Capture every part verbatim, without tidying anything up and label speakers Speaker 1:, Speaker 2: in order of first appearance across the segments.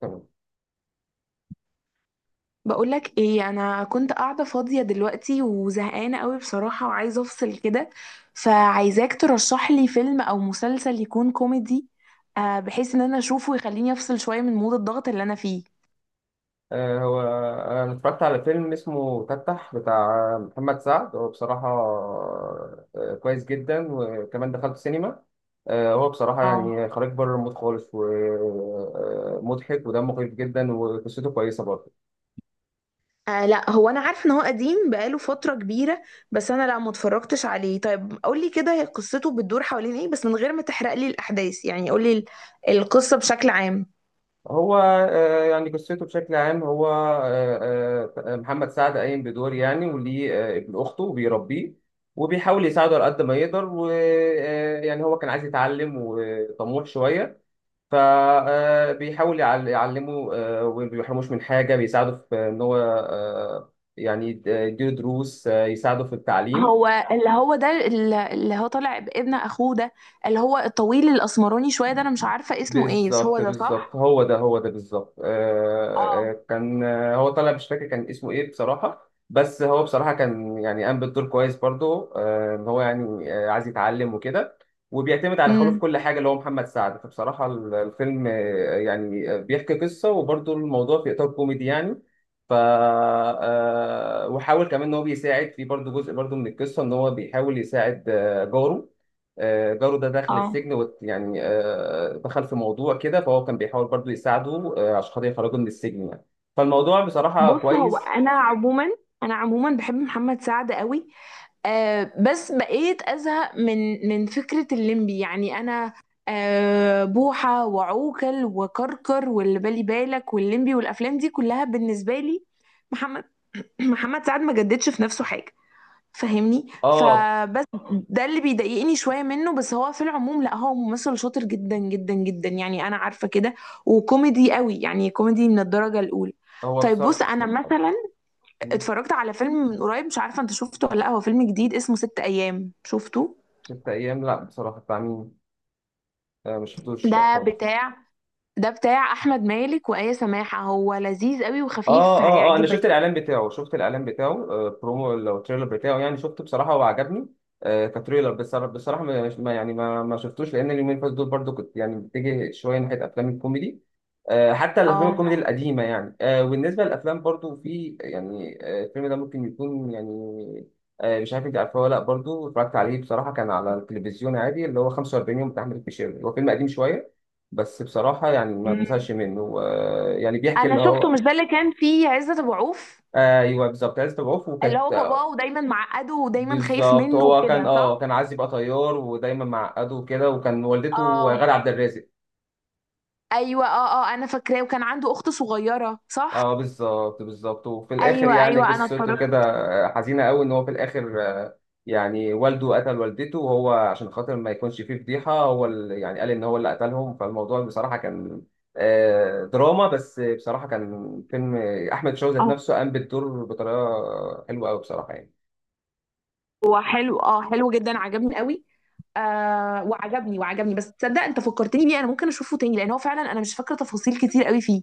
Speaker 1: تمام.
Speaker 2: بقولك ايه، انا كنت قاعده فاضيه دلوقتي وزهقانه قوي بصراحه وعايزه افصل كده. فعايزاك ترشح لي فيلم او مسلسل يكون كوميدي، آه، بحيث ان انا اشوفه ويخليني افصل شويه من مود الضغط اللي انا فيه.
Speaker 1: آه، هو انا اتفرجت على فيلم اسمه تتح بتاع محمد سعد. هو بصراحه آه، كويس جدا وكمان دخلت سينما. آه، هو بصراحه يعني
Speaker 2: اه.
Speaker 1: خارج بره المود خالص ومضحك ودمه خفيف جدا وقصته كويسه برضه.
Speaker 2: آه لا، هو انا عارف ان هو قديم بقاله فترة كبيرة، بس انا لا ما اتفرجتش عليه. طيب قولي كده، هي قصته بتدور حوالين ايه بس من غير ما تحرق لي الاحداث؟ يعني قولي ال- القصة بشكل عام.
Speaker 1: هو آه، يعني قصته بشكل عام هو آه، آه، محمد سعد قايم بدور يعني وليه آه، ابن اخته وبيربيه وبيحاول يساعده على قد ما يقدر ويعني هو كان عايز يتعلم وطموح شويه فبيحاول يعلمه آه، وما بيحرموش من حاجة بيساعده في إن هو آه، يعني يد- يديله دروس آه، يساعده في التعليم.
Speaker 2: هو اللي هو ده، اللي هو طالع بابن اخوه ده، اللي هو الطويل الاسمراني شويه ده، انا مش عارفه اسمه ايه بس هو
Speaker 1: بالظبط
Speaker 2: ده
Speaker 1: بالظبط
Speaker 2: صح؟
Speaker 1: هو ده هو ده بالظبط آه،
Speaker 2: اه.
Speaker 1: آه، كان آه، هو طالع مش فاكر كان اسمه ايه بصراحة. بس هو بصراحة كان يعني قام بالدور كويس برضه آه، ان هو يعني آه، عايز يتعلم وكده وبيعتمد على خاله في
Speaker 2: امم.
Speaker 1: كل حاجة اللي هو محمد سعد. فبصراحة ال- الفيلم آه، يعني آه، بيحكي قصة وبرضه الموضوع في إطار كوميدي يعني. ف آه، وحاول كمان ان هو بيساعد في برضه جزء برضه من القصة ان هو بيحاول يساعد آه، جاره. آه، جاره ده دخل
Speaker 2: اه.
Speaker 1: السجن وت- يعني آه، دخل في موضوع كده فهو كان بيحاول برضو يساعده آه، عشان خاطر يخرجه من السجن يعني. فالموضوع بصراحة
Speaker 2: بص، هو
Speaker 1: كويس.
Speaker 2: انا عموما، انا عموما بحب محمد سعد قوي. آه بس بقيت ازهق من من فكره الليمبي، يعني انا آه بوحه وعوكل وكركر واللي بالي بالك والليمبي والافلام دي كلها. بالنسبه لي محمد محمد سعد ما جددش في نفسه حاجه، فاهمني؟
Speaker 1: اه
Speaker 2: فبس ده اللي بيضايقني شويه منه، بس هو في العموم لا، هو ممثل شاطر جدا جدا جدا يعني، انا عارفه كده، وكوميدي قوي، يعني كوميدي من الدرجه الاولى.
Speaker 1: هو
Speaker 2: طيب بص،
Speaker 1: بصراحة
Speaker 2: انا مثلا اتفرجت على فيلم من قريب، مش عارفه انت شفته ولا لا، هو فيلم جديد اسمه ست ايام، شفته؟
Speaker 1: ست أيام، لا بصراحة بتاع مين؟ آه، مش شفتوش لا
Speaker 2: ده
Speaker 1: خالص.
Speaker 2: بتاع، ده بتاع احمد مالك وآية سماحه، هو لذيذ قوي
Speaker 1: اه
Speaker 2: وخفيف،
Speaker 1: اه اه انا شفت
Speaker 2: هيعجبك يعني.
Speaker 1: الاعلان بتاعه شفت الاعلان بتاعه آه برومو لو تريلر بتاعه يعني شفته بصراحه وعجبني. آه كتريلر بصراحه بصراحه ما ما- يعني ما ما شفتوش لان اليومين اللي فاتوا دول برضو كنت يعني بتجي شويه ناحيه افلام الكوميدي. آه حتى الافلام
Speaker 2: اه.
Speaker 1: الكوميدي القديمه يعني آه وبالنسبه للافلام برضو في يعني آه الفيلم ده ممكن يكون يعني. آه مش عارف انت عارفه ولا لا، برضو اتفرجت عليه بصراحه كان على التلفزيون عادي اللي هو خمسة وأربعين يوم بتاع احمد الفيشاوي. هو فيلم قديم شويه بس بصراحة يعني ما
Speaker 2: أمم.
Speaker 1: بزهقش منه آه، يعني بيحكي
Speaker 2: انا
Speaker 1: اللي
Speaker 2: شفته،
Speaker 1: هو.
Speaker 2: مش ده اللي كان فيه عزت ابو عوف،
Speaker 1: ايوه بالظبط عايز تبعوف
Speaker 2: اللي هو
Speaker 1: وكانت.
Speaker 2: باباه ودايما معقده ودايما خايف
Speaker 1: بالظبط
Speaker 2: منه
Speaker 1: هو كان
Speaker 2: وكده
Speaker 1: اه
Speaker 2: صح؟
Speaker 1: كان عايز يبقى طيار ودايما معقده وكده وكان والدته
Speaker 2: اه.
Speaker 1: غادة عبد الرازق.
Speaker 2: ايوه اه اه، انا فاكراه، وكان عنده اخت صغيره
Speaker 1: اه
Speaker 2: صح؟
Speaker 1: بالظبط بالظبط وفي الاخر
Speaker 2: ايوه
Speaker 1: يعني
Speaker 2: ايوه، انا
Speaker 1: قصته كده
Speaker 2: اتفرجت.
Speaker 1: آه، حزينه قوي ان هو في الاخر آه، يعني والده قتل والدته وهو عشان خاطر ما يكونش فيه فضيحه هو اللي يعني قال ان هو اللي قتلهم. فالموضوع بصراحه كان آه، دراما. بس بصراحه كان فيلم احمد شوقي ذات
Speaker 2: آه،
Speaker 1: نفسه قام بالدور بطريقه حلوه قوي بصراحه يعني.
Speaker 2: هو حلو، اه حلو جدا، عجبني قوي. آه وعجبني وعجبني بس تصدق انت فكرتني بيه، انا ممكن اشوفه تاني لان هو فعلا انا مش فاكره تفاصيل كتير قوي فيه،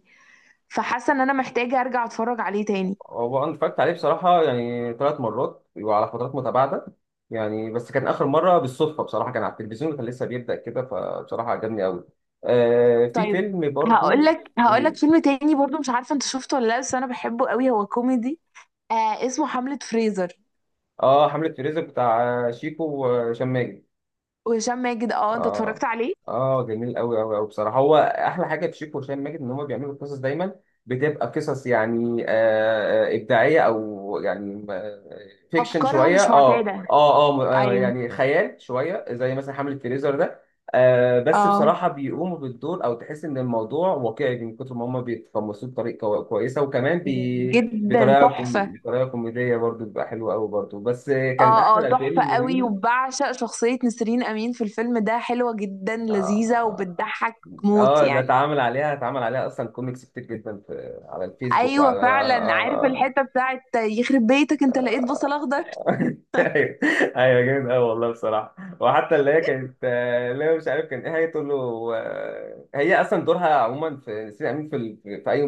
Speaker 2: فحاسه ان انا محتاجه ارجع اتفرج عليه تاني.
Speaker 1: هو انا اتفرجت عليه بصراحه يعني ثلاث مرات وعلى فترات متباعده يعني. بس كان اخر مره بالصدفه بصراحه كان على التلفزيون وكان لسه بيبدا كده فبصراحه عجبني قوي. آه في
Speaker 2: طيب
Speaker 1: فيلم
Speaker 2: هقول
Speaker 1: برضو.
Speaker 2: لك هقول
Speaker 1: قولي
Speaker 2: لك
Speaker 1: لي.
Speaker 2: فيلم تاني برضو، مش عارفه انت شفته ولا لا، بس انا بحبه قوي، هو كوميدي، آه اسمه حملة فريزر.
Speaker 1: اه حمله فريزر بتاع شيكو وهشام ماجد.
Speaker 2: وهشام ماجد، اه انت اتفرجت
Speaker 1: اه
Speaker 2: عليه؟
Speaker 1: اه جميل قوي قوي قوي بصراحه. هو احلى حاجه في شيكو وهشام ماجد ان هم بيعملوا قصص دايما بتبقى قصص يعني آه آه، ابداعيه او يعني آه، فيكشن
Speaker 2: افكارها
Speaker 1: شويه
Speaker 2: مش
Speaker 1: اه
Speaker 2: معتاده،
Speaker 1: اه اه م- آه،
Speaker 2: ايوه.
Speaker 1: يعني خيال شويه زي مثلا حمله فريزر ده. آه بس
Speaker 2: اه
Speaker 1: بصراحه بيقوموا بالدور او تحس ان الموضوع واقعي من كتر ما هم بيتقمصوه بطريقه كو- كويسه وكمان بي
Speaker 2: جدا،
Speaker 1: بطريقه كوم...
Speaker 2: تحفه.
Speaker 1: بطريقه كوميديه برضو بتبقى حلوه قوي برضو بس آه، كان
Speaker 2: اه اه
Speaker 1: احلى
Speaker 2: تحفه
Speaker 1: فيلم
Speaker 2: قوي،
Speaker 1: ليه.
Speaker 2: وبعشق شخصيه نسرين امين في الفيلم ده، حلوه جدا لذيذه
Speaker 1: آه،
Speaker 2: وبتضحك موت
Speaker 1: اه ده
Speaker 2: يعني.
Speaker 1: اتعمل عليها اتعمل عليها اصلا كوميكس كتير جدا في على الفيسبوك
Speaker 2: ايوه
Speaker 1: وعلى.
Speaker 2: فعلا، عارف الحته بتاعت يخرب بيتك انت لقيت بصل اخضر؟
Speaker 1: ايوه. ايوه جامد قوي والله بصراحه. وحتى اللي هي كانت آه، اللي هي مش عارف كان ايه هي تقول له. آه، هي اصلا دورها عموما في سيدي امين في ال- في اي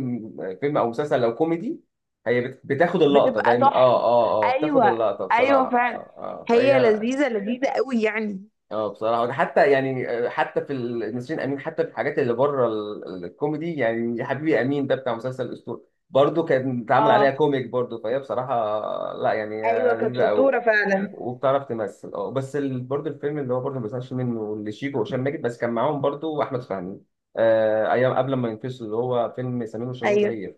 Speaker 1: فيلم او مسلسل لو كوميدي هي بت- بتاخد اللقطه
Speaker 2: بتبقى
Speaker 1: دايما اه
Speaker 2: تحفه.
Speaker 1: اه اه بتاخد
Speaker 2: ايوه
Speaker 1: اللقطه
Speaker 2: ايوه
Speaker 1: بصراحه
Speaker 2: فعلا،
Speaker 1: اه اه
Speaker 2: هي
Speaker 1: فهي.
Speaker 2: لذيذه لذيذه قوي يعني.
Speaker 1: اه بصراحة حتى يعني آه، حتى في ال- نسرين أمين حتى في الحاجات اللي بره ال- ال- الكوميدي يعني يا حبيبي أمين ده بتاع مسلسل الأسطورة برضه كان اتعمل عليها
Speaker 2: اه
Speaker 1: كوميك برضه. فهي بصراحة آه، لا يعني
Speaker 2: ايوه،
Speaker 1: آه،
Speaker 2: كانت
Speaker 1: لذيذة أوي
Speaker 2: شطوره فعلا.
Speaker 1: وبتعرف تمثل. اه بس ال- برضه الفيلم اللي هو برضه ما بيزهقش منه اللي شيكو وهشام ماجد بس كان معاهم برضه أحمد فهمي آه أيام قبل ما ينفصل اللي هو فيلم سمير وشهير
Speaker 2: ايوه
Speaker 1: وبهير.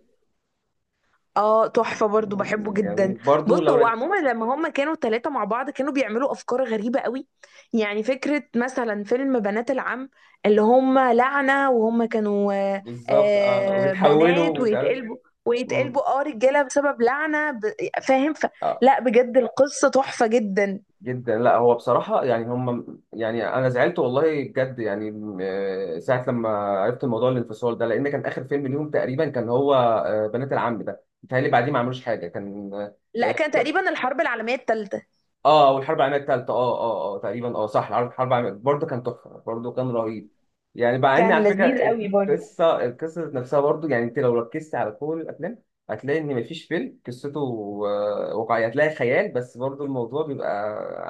Speaker 2: اه، تحفة برضو، بحبه جدا.
Speaker 1: جميل برضه
Speaker 2: بص
Speaker 1: لو
Speaker 2: هو
Speaker 1: رك-
Speaker 2: عموما لما هما كانوا ثلاثة مع بعض كانوا بيعملوا أفكار غريبة قوي، يعني فكرة مثلا فيلم بنات العم، اللي هما لعنة وهما كانوا آه
Speaker 1: بالظبط اه
Speaker 2: آه، بنات
Speaker 1: ويتحولوا مش عارف.
Speaker 2: ويتقلبوا،
Speaker 1: مم.
Speaker 2: ويتقلبوا اه رجالة بسبب لعنة ب... فاهم ف...
Speaker 1: آه.
Speaker 2: لا بجد القصة تحفة جدا.
Speaker 1: جدا، لا هو بصراحة يعني هم يعني أنا زعلت والله بجد يعني م- آه، ساعة لما عرفت الموضوع الانفصال ده لأن كان آخر فيلم ليهم تقريبا كان هو آه، بنات العم ده متهيألي بعديه ما عملوش حاجة كان
Speaker 2: لا، كان
Speaker 1: آه،
Speaker 2: تقريبا الحرب العالمية الثالثة.
Speaker 1: اه والحرب العالميه الثالثه اه اه اه تقريبا اه صح. الحرب الحرب العالميه برضه كان تحفه برضه كان رهيب يعني مع ان
Speaker 2: كان
Speaker 1: على فكره
Speaker 2: لذيذ قوي برضو.
Speaker 1: القصه القصه ذات نفسها برضه. يعني انت لو ركزت على كل الافلام هتلاقي ان مفيش فيلم قصته آه، واقعيه هتلاقي خيال بس برضه الموضوع بيبقى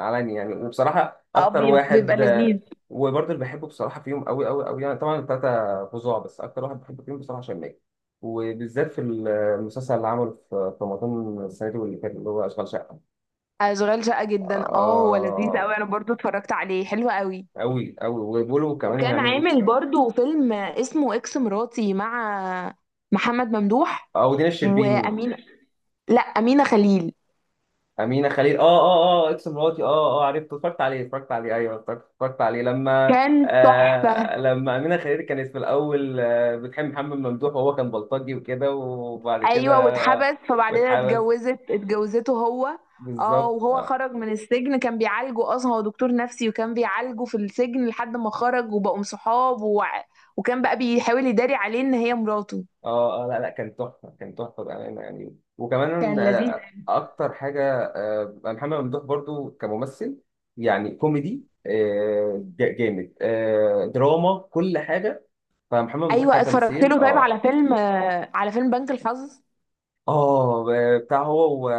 Speaker 1: علني يعني. وبصراحه
Speaker 2: اه
Speaker 1: اكتر
Speaker 2: بي- بيبقى
Speaker 1: واحد آه،
Speaker 2: لذيذ.
Speaker 1: وبرضه اللي بحبه بصراحه فيهم قوي قوي قوي يعني طبعا الثلاثه فظاع. بس اكتر واحد بحبه فيهم بصراحه هشام ماجد وبالذات في المسلسل اللي عمله في في رمضان السنه دي واللي فات اللي هو اشغال شقه.
Speaker 2: اشغال شقة جدا اه، هو لذيذ
Speaker 1: آه
Speaker 2: قوي، انا برضو اتفرجت عليه حلو قوي.
Speaker 1: أوي أوي وبيقولوا كمان
Speaker 2: وكان
Speaker 1: هيعملوا جزء.
Speaker 2: عامل برضو فيلم اسمه اكس مراتي مع محمد ممدوح.
Speaker 1: آه ودينا الشربيني.
Speaker 2: وأمينة، لا أمينة خليل،
Speaker 1: أمينة خليل آه آه آه إكس مراتي آه آه عرفت اتفرجت عليه اتفرجت عليه أيوه اتفرجت اتفرجت عليه لما
Speaker 2: كان تحفة.
Speaker 1: آه لما أمينة خليل كانت في الأول آه بتحب محمد ممدوح وهو كان بلطجي وكده وبعد كده
Speaker 2: أيوة،
Speaker 1: آه
Speaker 2: واتحبس، فبعد كده
Speaker 1: واتحبس.
Speaker 2: اتجوزت، اتجوزته هو. اه،
Speaker 1: بالظبط.
Speaker 2: وهو خرج من السجن، كان بيعالجه أصلا، هو دكتور نفسي وكان بيعالجه في السجن لحد ما خرج وبقوا صحاب و... وكان بقى بيحاول يداري عليه إن هي مراته.
Speaker 1: اه آه، لا لا كان تحفه كان تحفه بامانه يعني. وكمان
Speaker 2: كان لذيذ.
Speaker 1: آه، اكتر حاجه آه، محمد ممدوح برضو كممثل يعني كوميدي آه، جا- جامد آه، دراما كل حاجه. فمحمد ممدوح
Speaker 2: أيوة اتفرجت
Speaker 1: كتمثيل
Speaker 2: له. طيب على
Speaker 1: اه.
Speaker 2: فيلم آه، على فيلم بنك الحظ؟
Speaker 1: اه بتاع هو و...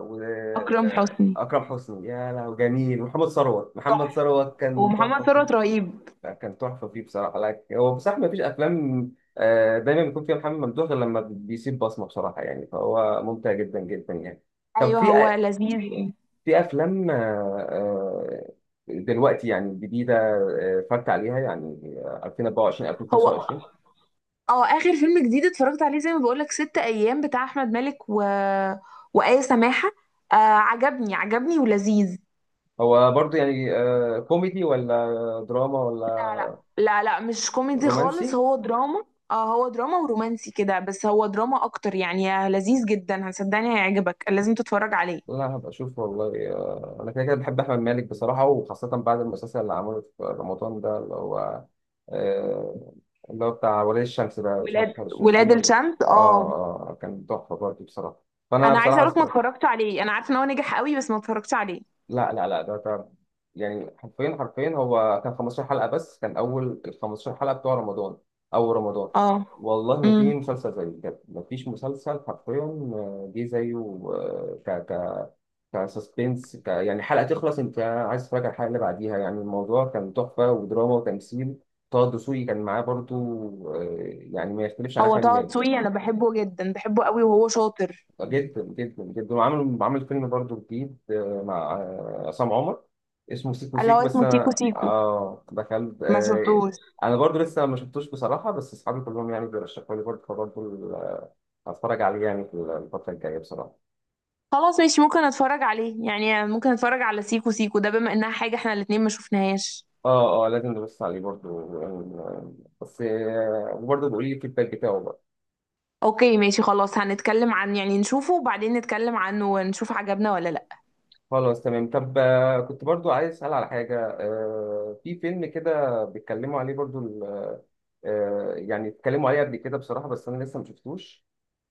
Speaker 1: و...
Speaker 2: أكرم
Speaker 1: آه،
Speaker 2: حسني
Speaker 1: اكرم حسني. يا لهوي جميل محمد ثروت محمد
Speaker 2: تحفة،
Speaker 1: ثروت كان
Speaker 2: ومحمد
Speaker 1: تحفه.
Speaker 2: ثروت رهيب.
Speaker 1: لا، كان تحفه فيه بصراحه. لا هو بصراحه ما فيش افلام آه، دايما بيكون فيها محمد ممدوح غير لما بيسيب بصمه بصراحه يعني. فهو ممتع جدا جدا يعني. طب
Speaker 2: ايوه
Speaker 1: في
Speaker 2: هو
Speaker 1: أ-
Speaker 2: لذيذ إيه.
Speaker 1: في افلام آه، آه، دلوقتي يعني جديده آه، اتفرجت عليها يعني آه، ألفين وأربعة وعشرين
Speaker 2: هو
Speaker 1: ألفين وخمسة وعشرين.
Speaker 2: اه، اخر فيلم جديد اتفرجت عليه زي ما بقولك ست ايام بتاع احمد مالك و... وآية سماحة. آه، عجبني، عجبني ولذيذ.
Speaker 1: هو برضو يعني آه، كوميدي ولا دراما ولا
Speaker 2: لا لا، مش كوميدي خالص،
Speaker 1: رومانسي؟
Speaker 2: هو دراما. اه، هو دراما ورومانسي كده، بس هو دراما اكتر يعني. آه، لذيذ جدا، هصدقني هيعجبك، لازم تتفرج عليه.
Speaker 1: لا هبقى اشوف والله آه، انا كده كده بحب احمد مالك بصراحه وخاصه بعد المسلسل اللي عمله في رمضان ده اللي هو آه، اللي هو بتاع ولي الشمس ده مش
Speaker 2: ولاد
Speaker 1: عارف هل شفتيه
Speaker 2: ولاد
Speaker 1: ولا لأ.
Speaker 2: الشمس اه.
Speaker 1: اه اه كان تحفه برضه بصراحه. فانا
Speaker 2: انا عايزه
Speaker 1: بصراحه
Speaker 2: اقولك ما
Speaker 1: اتفرجت.
Speaker 2: اتفرجتش عليه، انا عارفه ان هو نجح قوي بس ما اتفرجتش عليه.
Speaker 1: لا لا لا ده ده يعني حرفيا حرفيا هو كان خمستاشر حلقه بس كان اول ال خمستاشر حلقه بتوع رمضان اول رمضان.
Speaker 2: اه.
Speaker 1: والله ما في
Speaker 2: امم.
Speaker 1: مسلسل زيه بجد ما فيش مسلسل حرفيا آه، جه زيه. كسسبنس ك... يعني حلقة تخلص انت عايز تتفرج على الحلقة اللي بعديها يعني. الموضوع كان تحفة ودراما وتمثيل. طه دسوقي كان معاه برضو آه، يعني ما يختلفش عن
Speaker 2: هو
Speaker 1: أحمد
Speaker 2: طه
Speaker 1: مالك.
Speaker 2: دسوقي انا بحبه جدا، بحبه قوي، وهو شاطر.
Speaker 1: جدا جدا جدا. وعمل عمل فيلم برضو جديد آه، مع آه، عصام عمر اسمه سيكو
Speaker 2: اللي هو
Speaker 1: سيكو. بس
Speaker 2: اسمه سيكو
Speaker 1: أنا
Speaker 2: سيكو،
Speaker 1: آه دخلت
Speaker 2: ما
Speaker 1: آه،
Speaker 2: شفتوش.
Speaker 1: أنا برضو لسه ما شفتوش بصراحة. بس أصحابي كلهم يعني بيرشحوا لي برضو فبرضو ال- هتفرج عليه يعني في الفترة الجاية بصراحة.
Speaker 2: خلاص ماشي، ممكن اتفرج عليه يعني، ممكن اتفرج على سيكو سيكو ده، بما انها حاجة احنا الاتنين ما شفناهاش.
Speaker 1: اه اه لازم نبص عليه برضو آه، بس آه، وبرضو بيقول لي الفيدباك بتاعه بقى.
Speaker 2: اوكي ماشي خلاص، هنتكلم عن، يعني نشوفه وبعدين نتكلم عنه ونشوف عجبنا ولا لا.
Speaker 1: خلاص تمام. طب آه، كنت برضو عايز اسال على حاجه آه، في فيلم كده بيتكلموا عليه برضو ال- آه، يعني اتكلموا عليه قبل كده بصراحه بس انا لسه ما شفتوش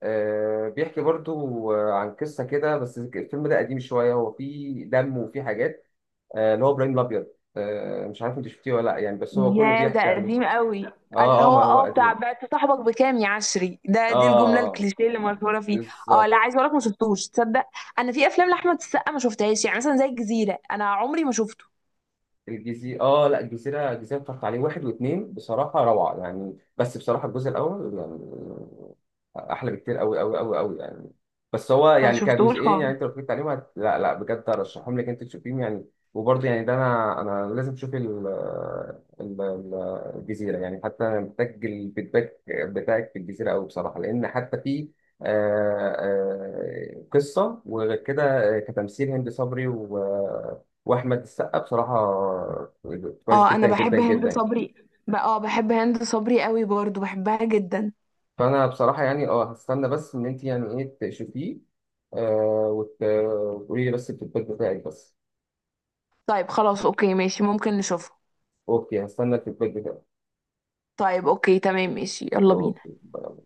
Speaker 1: آه، بيحكي برضو آه، عن قصه كده. بس الفيلم ده قديم شويه هو فيه دم وفيه حاجات آه، اللي هو ابراهيم الابيض آه، مش عارف انت شفتيه ولا لا يعني. بس هو كله
Speaker 2: يا ده
Speaker 1: بيحكي عليه.
Speaker 2: قديم قوي. اللي
Speaker 1: اه اه
Speaker 2: هو
Speaker 1: ما هو
Speaker 2: اه بتاع
Speaker 1: قديم.
Speaker 2: بعت صاحبك بكام يا عشري ده، دي الجملة
Speaker 1: اه
Speaker 2: الكليشيه اللي مشهورة فيه. اه لا،
Speaker 1: بالظبط.
Speaker 2: عايز اقولك ما شفتوش تصدق، انا في افلام لاحمد السقا ما شفتهاش، يعني مثلا زي الجزيرة انا عمري ما شفته.
Speaker 1: الجزيرة اه لا الجزيرة الجزيرة اتفرجت عليه واحد واثنين بصراحة روعة يعني. بس بصراحة الجزء الأول يعني أحلى بكتير أوي أوي أوي أوي يعني. بس هو
Speaker 2: ما
Speaker 1: يعني
Speaker 2: شفتهوش
Speaker 1: كجزئين
Speaker 2: خالص.
Speaker 1: يعني أنت لو اتفرجت عليهم هت... لا لا بجد أرشحهم لك أنت تشوفيهم يعني. وبرضه يعني ده أنا أنا لازم أشوف ال... ال... ال- الجزيرة يعني. حتى أنا محتاج الفيدباك بتاعك في الجزيرة أوي بصراحة لأن حتى في آه، آه، قصة وغير كده آه، كتمثيل هند صبري و واحمد السقا بصراحه كويس
Speaker 2: اه
Speaker 1: جدا
Speaker 2: انا
Speaker 1: جدا
Speaker 2: بحب هند
Speaker 1: جدا.
Speaker 2: صبري، ب- اه بحب هند صبري قوي برضو، بحبها جدا.
Speaker 1: فانا بصراحه يعني اه هستنى بس ان انت يعني ايه تشوفيه آه وت- وتقولي لي بس الفيدباك بتاعك بس.
Speaker 2: طيب خلاص اوكي ماشي، ممكن نشوفها.
Speaker 1: اوكي هستنى الفيدباك بتاعك.
Speaker 2: طيب اوكي تمام ماشي، يلا بينا.
Speaker 1: اوكي.